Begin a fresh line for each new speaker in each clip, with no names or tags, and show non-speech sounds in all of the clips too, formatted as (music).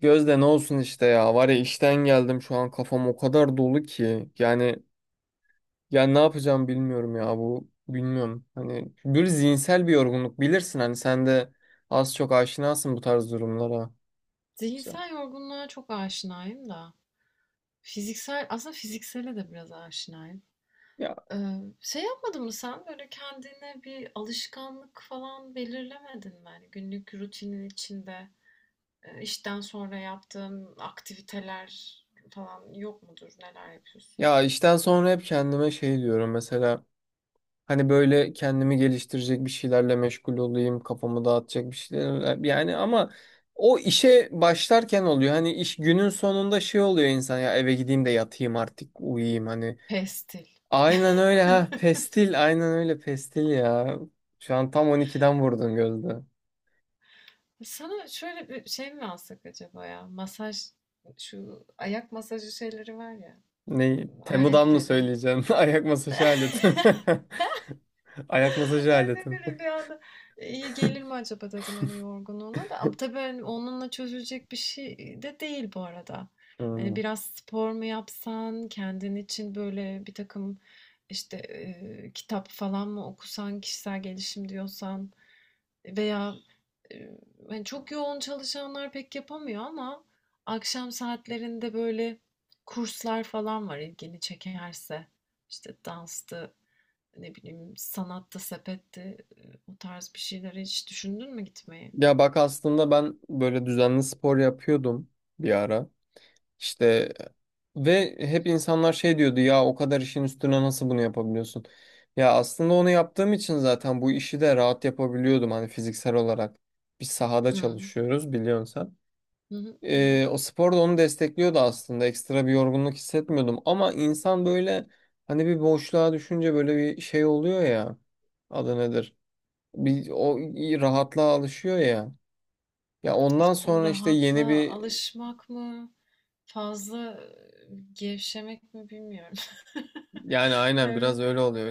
Gözde, ne olsun işte ya. Var ya, işten geldim, şu an kafam o kadar dolu ki. Yani ne yapacağım bilmiyorum ya, bu, bilmiyorum. Hani bir zihinsel bir yorgunluk, bilirsin hani, sen de az çok aşinasın bu tarz durumlara işte.
Zihinsel yorgunluğa çok aşinayım da. Fiziksel, aslında fiziksele de biraz aşinayım.
ya
Ee, şey yapmadın mı sen? Böyle kendine bir alışkanlık falan belirlemedin mi? Hani günlük rutinin içinde işten sonra yaptığın aktiviteler falan yok mudur? Neler yapıyorsun?
ya işten sonra hep kendime şey diyorum mesela, hani böyle kendimi geliştirecek bir şeylerle meşgul olayım, kafamı dağıtacak bir şeyler, yani ama o işe başlarken oluyor. Hani iş günün sonunda şey oluyor insan, ya eve gideyim de yatayım artık, uyuyayım hani.
Pestil.
Aynen öyle ha.
(laughs)
Pestil. Aynen öyle pestil ya. Şu an tam 12'den vurdun, Gözde.
Sana şöyle bir şey mi alsak acaba ya? Masaj, şu ayak masajı şeyleri var ya,
Ne? Temu'dan mı
aletleri.
söyleyeceğim? (laughs) Ayak masajı aleti. (laughs) Ayak
(laughs)
masajı
Ben
aleti.
de böyle
(laughs)
bir anda "E, iyi gelir mi acaba dedim hani yorgunluğuna da. Ama tabii hani onunla çözülecek bir şey de değil bu arada. Hani
Hmm.
biraz spor mu yapsan, kendin için böyle bir takım işte kitap falan mı okusan, kişisel gelişim diyorsan veya e, hani çok yoğun çalışanlar pek yapamıyor ama akşam saatlerinde böyle kurslar falan var ilgini çekerse. İşte danstı, ne bileyim, sanatta, sepette, o tarz bir şeylere hiç düşündün mü gitmeyi?
Ya bak, aslında ben böyle düzenli spor yapıyordum bir ara. İşte, ve hep insanlar şey diyordu, ya o kadar işin üstüne nasıl bunu yapabiliyorsun? Ya aslında onu yaptığım için zaten bu işi de rahat yapabiliyordum hani, fiziksel olarak. Biz sahada
Hımm.
çalışıyoruz, biliyorsun sen.
Hı hı, biliyorum.
O spor da onu destekliyordu aslında. Ekstra bir yorgunluk hissetmiyordum. Ama insan böyle hani bir boşluğa düşünce böyle bir şey oluyor ya. Adı nedir? Bir o rahatlığa alışıyor ya. Ya
İşte
ondan
o
sonra işte yeni
rahatla
bir...
alışmak mı, fazla, gevşemek mi bilmiyorum. (laughs)
Yani aynen biraz öyle oluyor.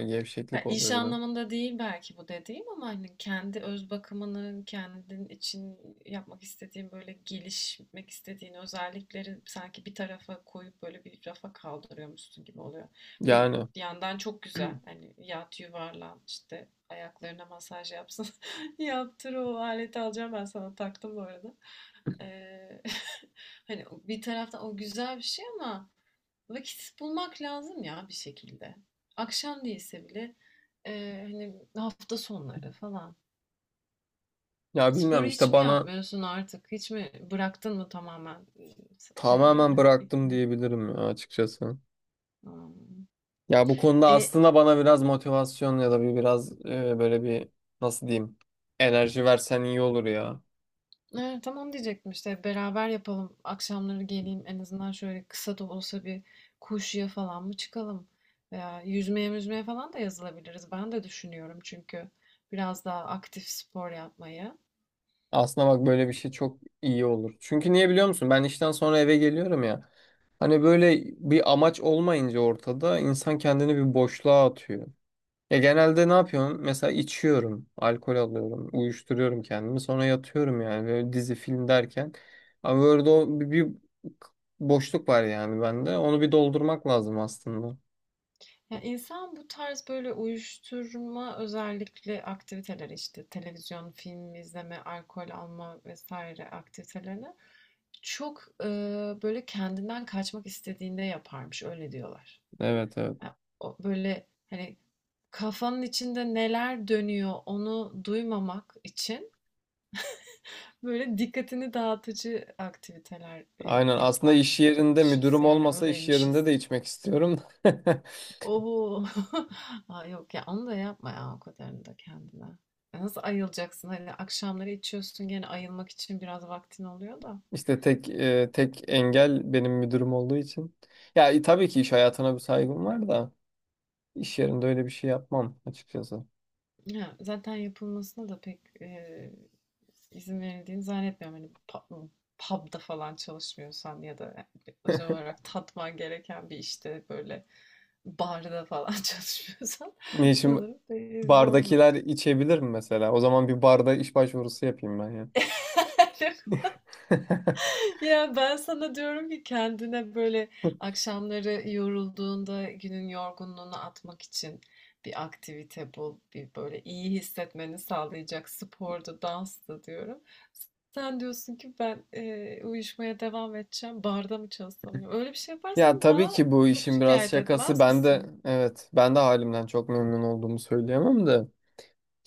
Ya
Gevşeklik
iş
oluyor biraz.
anlamında değil belki bu dediğim ama hani kendi öz bakımını, kendin için yapmak istediğin böyle gelişmek istediğin özellikleri sanki bir tarafa koyup böyle bir rafa kaldırıyormuşsun gibi oluyor. Bir
Yani,
yandan çok güzel hani yat yuvarlan işte ayaklarına masaj yapsın (laughs) yaptır o aleti alacağım ben sana taktım bu arada. Ee, (laughs) hani bir taraftan o güzel bir şey ama vakit bulmak lazım ya bir şekilde. Akşam değilse bile hani hafta sonları falan.
ya
Sporu
bilmiyorum
hiç
işte
mi
bana,
yapmıyorsun artık? Hiç mi bıraktın mı tamamen
tamamen
şeyleri?
bıraktım diyebilirim ya açıkçası.
Hmm.
Ya bu konuda
E,
aslında bana biraz motivasyon ya da bir biraz böyle bir, nasıl diyeyim, enerji versen iyi olur ya.
tamam diyecektim işte beraber yapalım. Akşamları geleyim en azından şöyle kısa da olsa bir koşuya falan mı çıkalım? Veya yüzmeye falan da yazılabiliriz. Ben de düşünüyorum çünkü biraz daha aktif spor yapmayı.
Aslında bak, böyle bir şey çok iyi olur. Çünkü niye biliyor musun? Ben işten sonra eve geliyorum ya. Hani böyle bir amaç olmayınca ortada, insan kendini bir boşluğa atıyor. Ya genelde ne yapıyorum? Mesela içiyorum, alkol alıyorum, uyuşturuyorum kendimi. Sonra yatıyorum yani, böyle dizi film derken. Ama böyle o bir boşluk var yani bende. Onu bir doldurmak lazım aslında.
Ya insan bu tarz böyle uyuşturma özellikle aktiviteleri işte televizyon, film izleme, alkol alma vesaire aktivitelerini çok böyle kendinden kaçmak istediğinde yaparmış öyle diyorlar.
Evet, evet.
Ya, o böyle hani kafanın içinde neler dönüyor onu duymamak için böyle dikkatini dağıtıcı aktiviteler
Aynen, aslında iş yerinde
yaparmışız
müdürüm
yani
olmasa iş yerinde
öyleymişiz.
de içmek istiyorum. (laughs)
Oo, (laughs) Aa, yok ya onu da yapma ya o kadarını da kendine. Ya, nasıl ayılacaksın? Hani akşamları içiyorsun gene ayılmak için biraz vaktin oluyor da.
İşte tek engel benim müdürüm olduğu için. Ya, tabii ki iş hayatına bir saygım var da iş yerinde öyle bir şey yapmam açıkçası.
Ya, zaten yapılmasına da pek izin verildiğini zannetmiyorum. Hani pub'da falan çalışmıyorsan ya da özel
(laughs)
olarak tatman gereken bir işte böyle barda falan (laughs) çalışmıyorsan
Ne işim...
sanırım pek izin
Bardakiler
olmuyordu.
içebilir mi mesela? O zaman bir barda iş başvurusu yapayım ben ya.
(laughs)
(laughs)
Ya ben sana diyorum ki kendine böyle akşamları yorulduğunda günün yorgunluğunu atmak için bir aktivite bul, bir böyle iyi hissetmeni sağlayacak spordu, danstı diyorum. Sen diyorsun ki ben uyuşmaya devam edeceğim, barda mı çalışsam diyor. Öyle bir şey
Ya
yaparsan
tabii
daha
ki bu
çok
işin biraz
şikayet
şakası.
etmez
Ben de,
misin?
evet, ben de halimden çok memnun olduğumu söyleyemem de.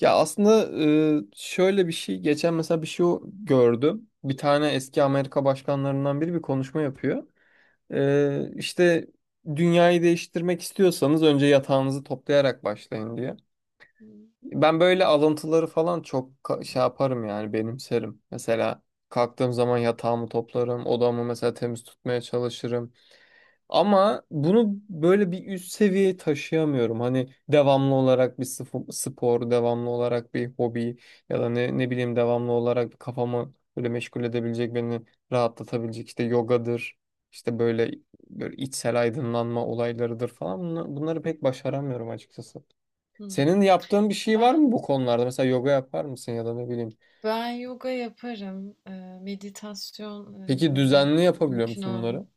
Ya aslında, şöyle bir şey geçen mesela bir şey gördüm. Bir tane eski Amerika başkanlarından biri bir konuşma yapıyor. İşte dünyayı değiştirmek istiyorsanız önce yatağınızı toplayarak başlayın diye. Ben böyle alıntıları falan çok şey yaparım yani, benimserim. Mesela kalktığım zaman yatağımı toplarım, odamı mesela temiz tutmaya çalışırım. Ama bunu böyle bir üst seviyeye taşıyamıyorum. Hani devamlı olarak bir spor, devamlı olarak bir hobi, ya da ne, ne bileyim devamlı olarak kafamı böyle meşgul edebilecek, beni rahatlatabilecek, işte yogadır, işte böyle, böyle içsel aydınlanma olaylarıdır falan. Bunları pek başaramıyorum açıkçası. Senin
Hmm.
yaptığın bir şey var
Ben
mı bu konularda? Mesela yoga yapar mısın, ya da ne bileyim.
ben yoga yaparım, meditasyon hani
Peki düzenli
böyle
yapabiliyor
mümkün
musun bunları?
olan.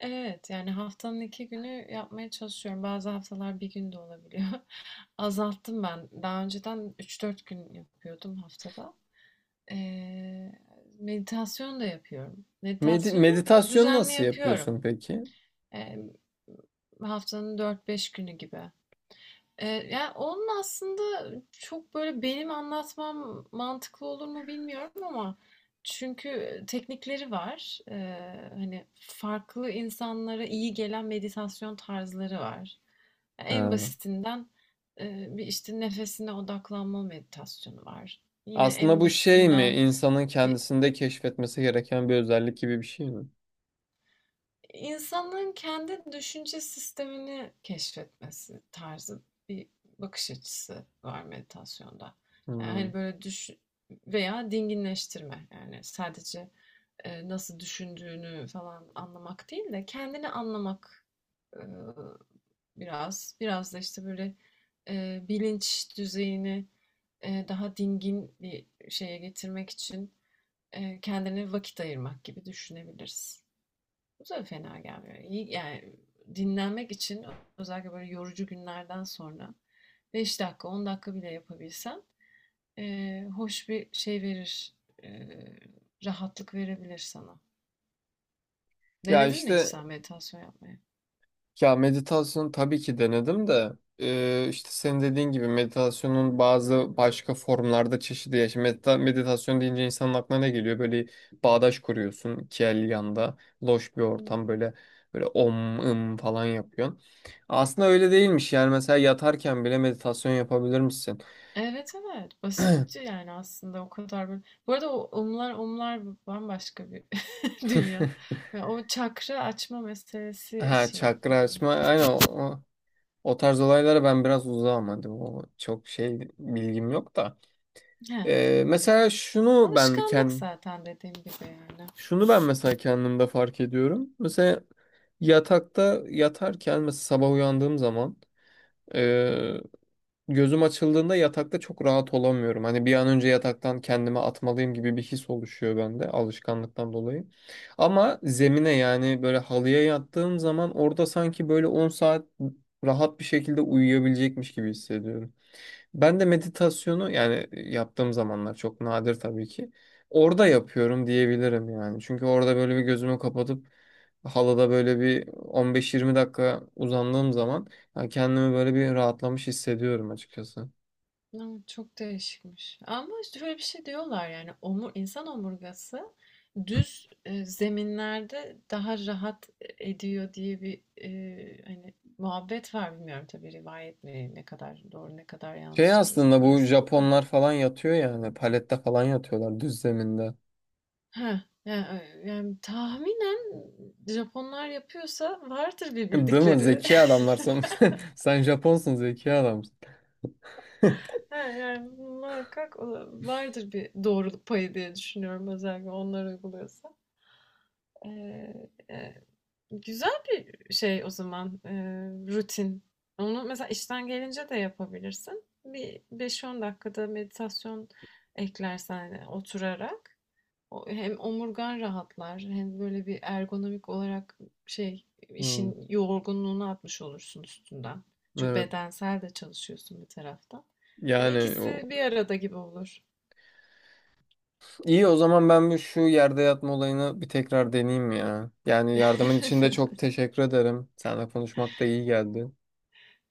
Evet, yani haftanın 2 günü yapmaya çalışıyorum. Bazı haftalar bir gün de olabiliyor. (laughs) Azalttım ben. Daha önceden 3-4 gün yapıyordum haftada. Ee, meditasyon da yapıyorum. Meditasyonu
Meditasyon
düzenli
nasıl
yapıyorum.
yapıyorsun peki?
Ee, haftanın 4-5 günü gibi. Ya, onun aslında çok böyle benim anlatmam mantıklı olur mu bilmiyorum ama çünkü teknikleri var. Hani, farklı insanlara iyi gelen meditasyon tarzları var. En
Ha.
basitinden, bir, işte, nefesine odaklanma meditasyonu var. Yine
Aslında
en
bu şey mi?
basitinden,
İnsanın kendisinde keşfetmesi gereken bir özellik gibi bir şey mi?
İnsanın kendi düşünce sistemini keşfetmesi tarzı bir bakış açısı var meditasyonda. Yani
Hmm.
hani böyle düş veya dinginleştirme, yani sadece nasıl düşündüğünü falan anlamak değil de kendini anlamak, e, biraz da işte böyle bilinç düzeyini daha dingin bir şeye getirmek için kendine vakit ayırmak gibi düşünebiliriz. Bu da fena gelmiyor. İyi, yani dinlenmek için özellikle böyle yorucu günlerden sonra 5 dakika 10 dakika bile yapabilsen hoş bir şey verir. eee, Rahatlık verebilir sana.
Ya
Denedin mi hiç
işte...
sen meditasyon yapmayı?
Ya meditasyon tabii ki denedim de işte senin dediğin gibi meditasyonun bazı başka formlarda çeşidi ya. Şimdi meditasyon deyince insanın aklına ne geliyor? Böyle bağdaş kuruyorsun, iki el yanda, loş bir
Hmm.
ortam, böyle böyle om ım falan yapıyorsun. Aslında öyle değilmiş yani, mesela yatarken bile meditasyon yapabilir misin?
Evet evet, basitçe yani aslında o kadar böyle. Bu arada o umlar umlar bambaşka bir (laughs) dünya.
(laughs)
Ve o çakra açma meselesi
Ha,
için
çakra
yapılıyor.
açma, aynen o tarz olaylara ben biraz uzağım, hadi o çok şey, bilgim yok da.
He.
Mesela şunu ben
Alışkanlık
kendim...
zaten dediğim gibi yani.
Şunu ben mesela kendimde fark ediyorum. Mesela yatakta yatarken mesela sabah uyandığım zaman, e, gözüm açıldığında yatakta çok rahat olamıyorum. Hani bir an önce yataktan kendimi atmalıyım gibi bir his oluşuyor bende, alışkanlıktan dolayı. Ama zemine yani böyle halıya yattığım zaman, orada sanki böyle 10 saat rahat bir şekilde uyuyabilecekmiş gibi hissediyorum. Ben de meditasyonu yani yaptığım zamanlar çok nadir tabii ki. Orada yapıyorum diyebilirim yani. Çünkü orada böyle bir gözümü kapatıp halada böyle bir 15-20 dakika uzandığım zaman ya, kendimi böyle bir rahatlamış hissediyorum açıkçası.
Evet, çok değişikmiş. Ama işte şöyle bir şey diyorlar, yani insan omurgası düz zeminlerde daha rahat ediyor diye bir hani muhabbet var, bilmiyorum tabii rivayet mi, ne kadar doğru ne kadar
Şey,
yanlıştır
aslında bu
orasını da.
Japonlar falan yatıyor yani, palette falan yatıyorlar düz zeminde.
Ha yani, tahminen Japonlar yapıyorsa vardır bir
(laughs) Değil mi?
bildikleri.
Zeki
(laughs)
adamlar sen. (laughs) Sen Japonsun, zeki adamsın. (laughs)
Ha, yani muhakkak vardır bir doğruluk payı diye düşünüyorum özellikle onlar uyguluyorsa. Ee, Güzel bir şey o zaman, rutin. Onu mesela işten gelince de yapabilirsin. Bir 5-10 dakikada meditasyon eklersen, oturarak o hem omurgan rahatlar hem böyle bir ergonomik olarak şey,
Hmm,
işin yorgunluğunu atmış olursun üstünden. Çünkü
evet.
bedensel de çalışıyorsun bir taraftan. Hani
Yani
ikisi
o...
bir arada gibi olur.
iyi o zaman ben bir şu yerde yatma olayını bir tekrar deneyeyim ya. Yani yardımın için de çok
(laughs)
teşekkür ederim. Seninle konuşmak da iyi geldi.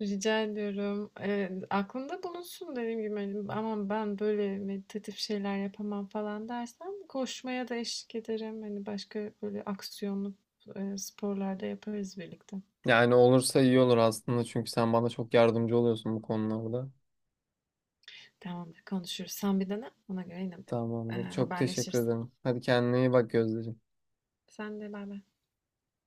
Rica ediyorum. Aklında bulunsun, dediğim gibi, hani, "Aman ben böyle meditatif şeyler yapamam." falan dersen koşmaya da eşlik ederim. Hani başka böyle aksiyonlu, sporlar yaparız birlikte.
Yani olursa iyi olur aslında çünkü sen bana çok yardımcı oluyorsun bu konularda.
Tamamdır, konuşuruz. Sen bir dene, ona göre yine,
Tamamdır. Çok teşekkür
haberleşiriz.
ederim. Hadi kendine iyi bak Gözdeciğim.
Sen de baybay.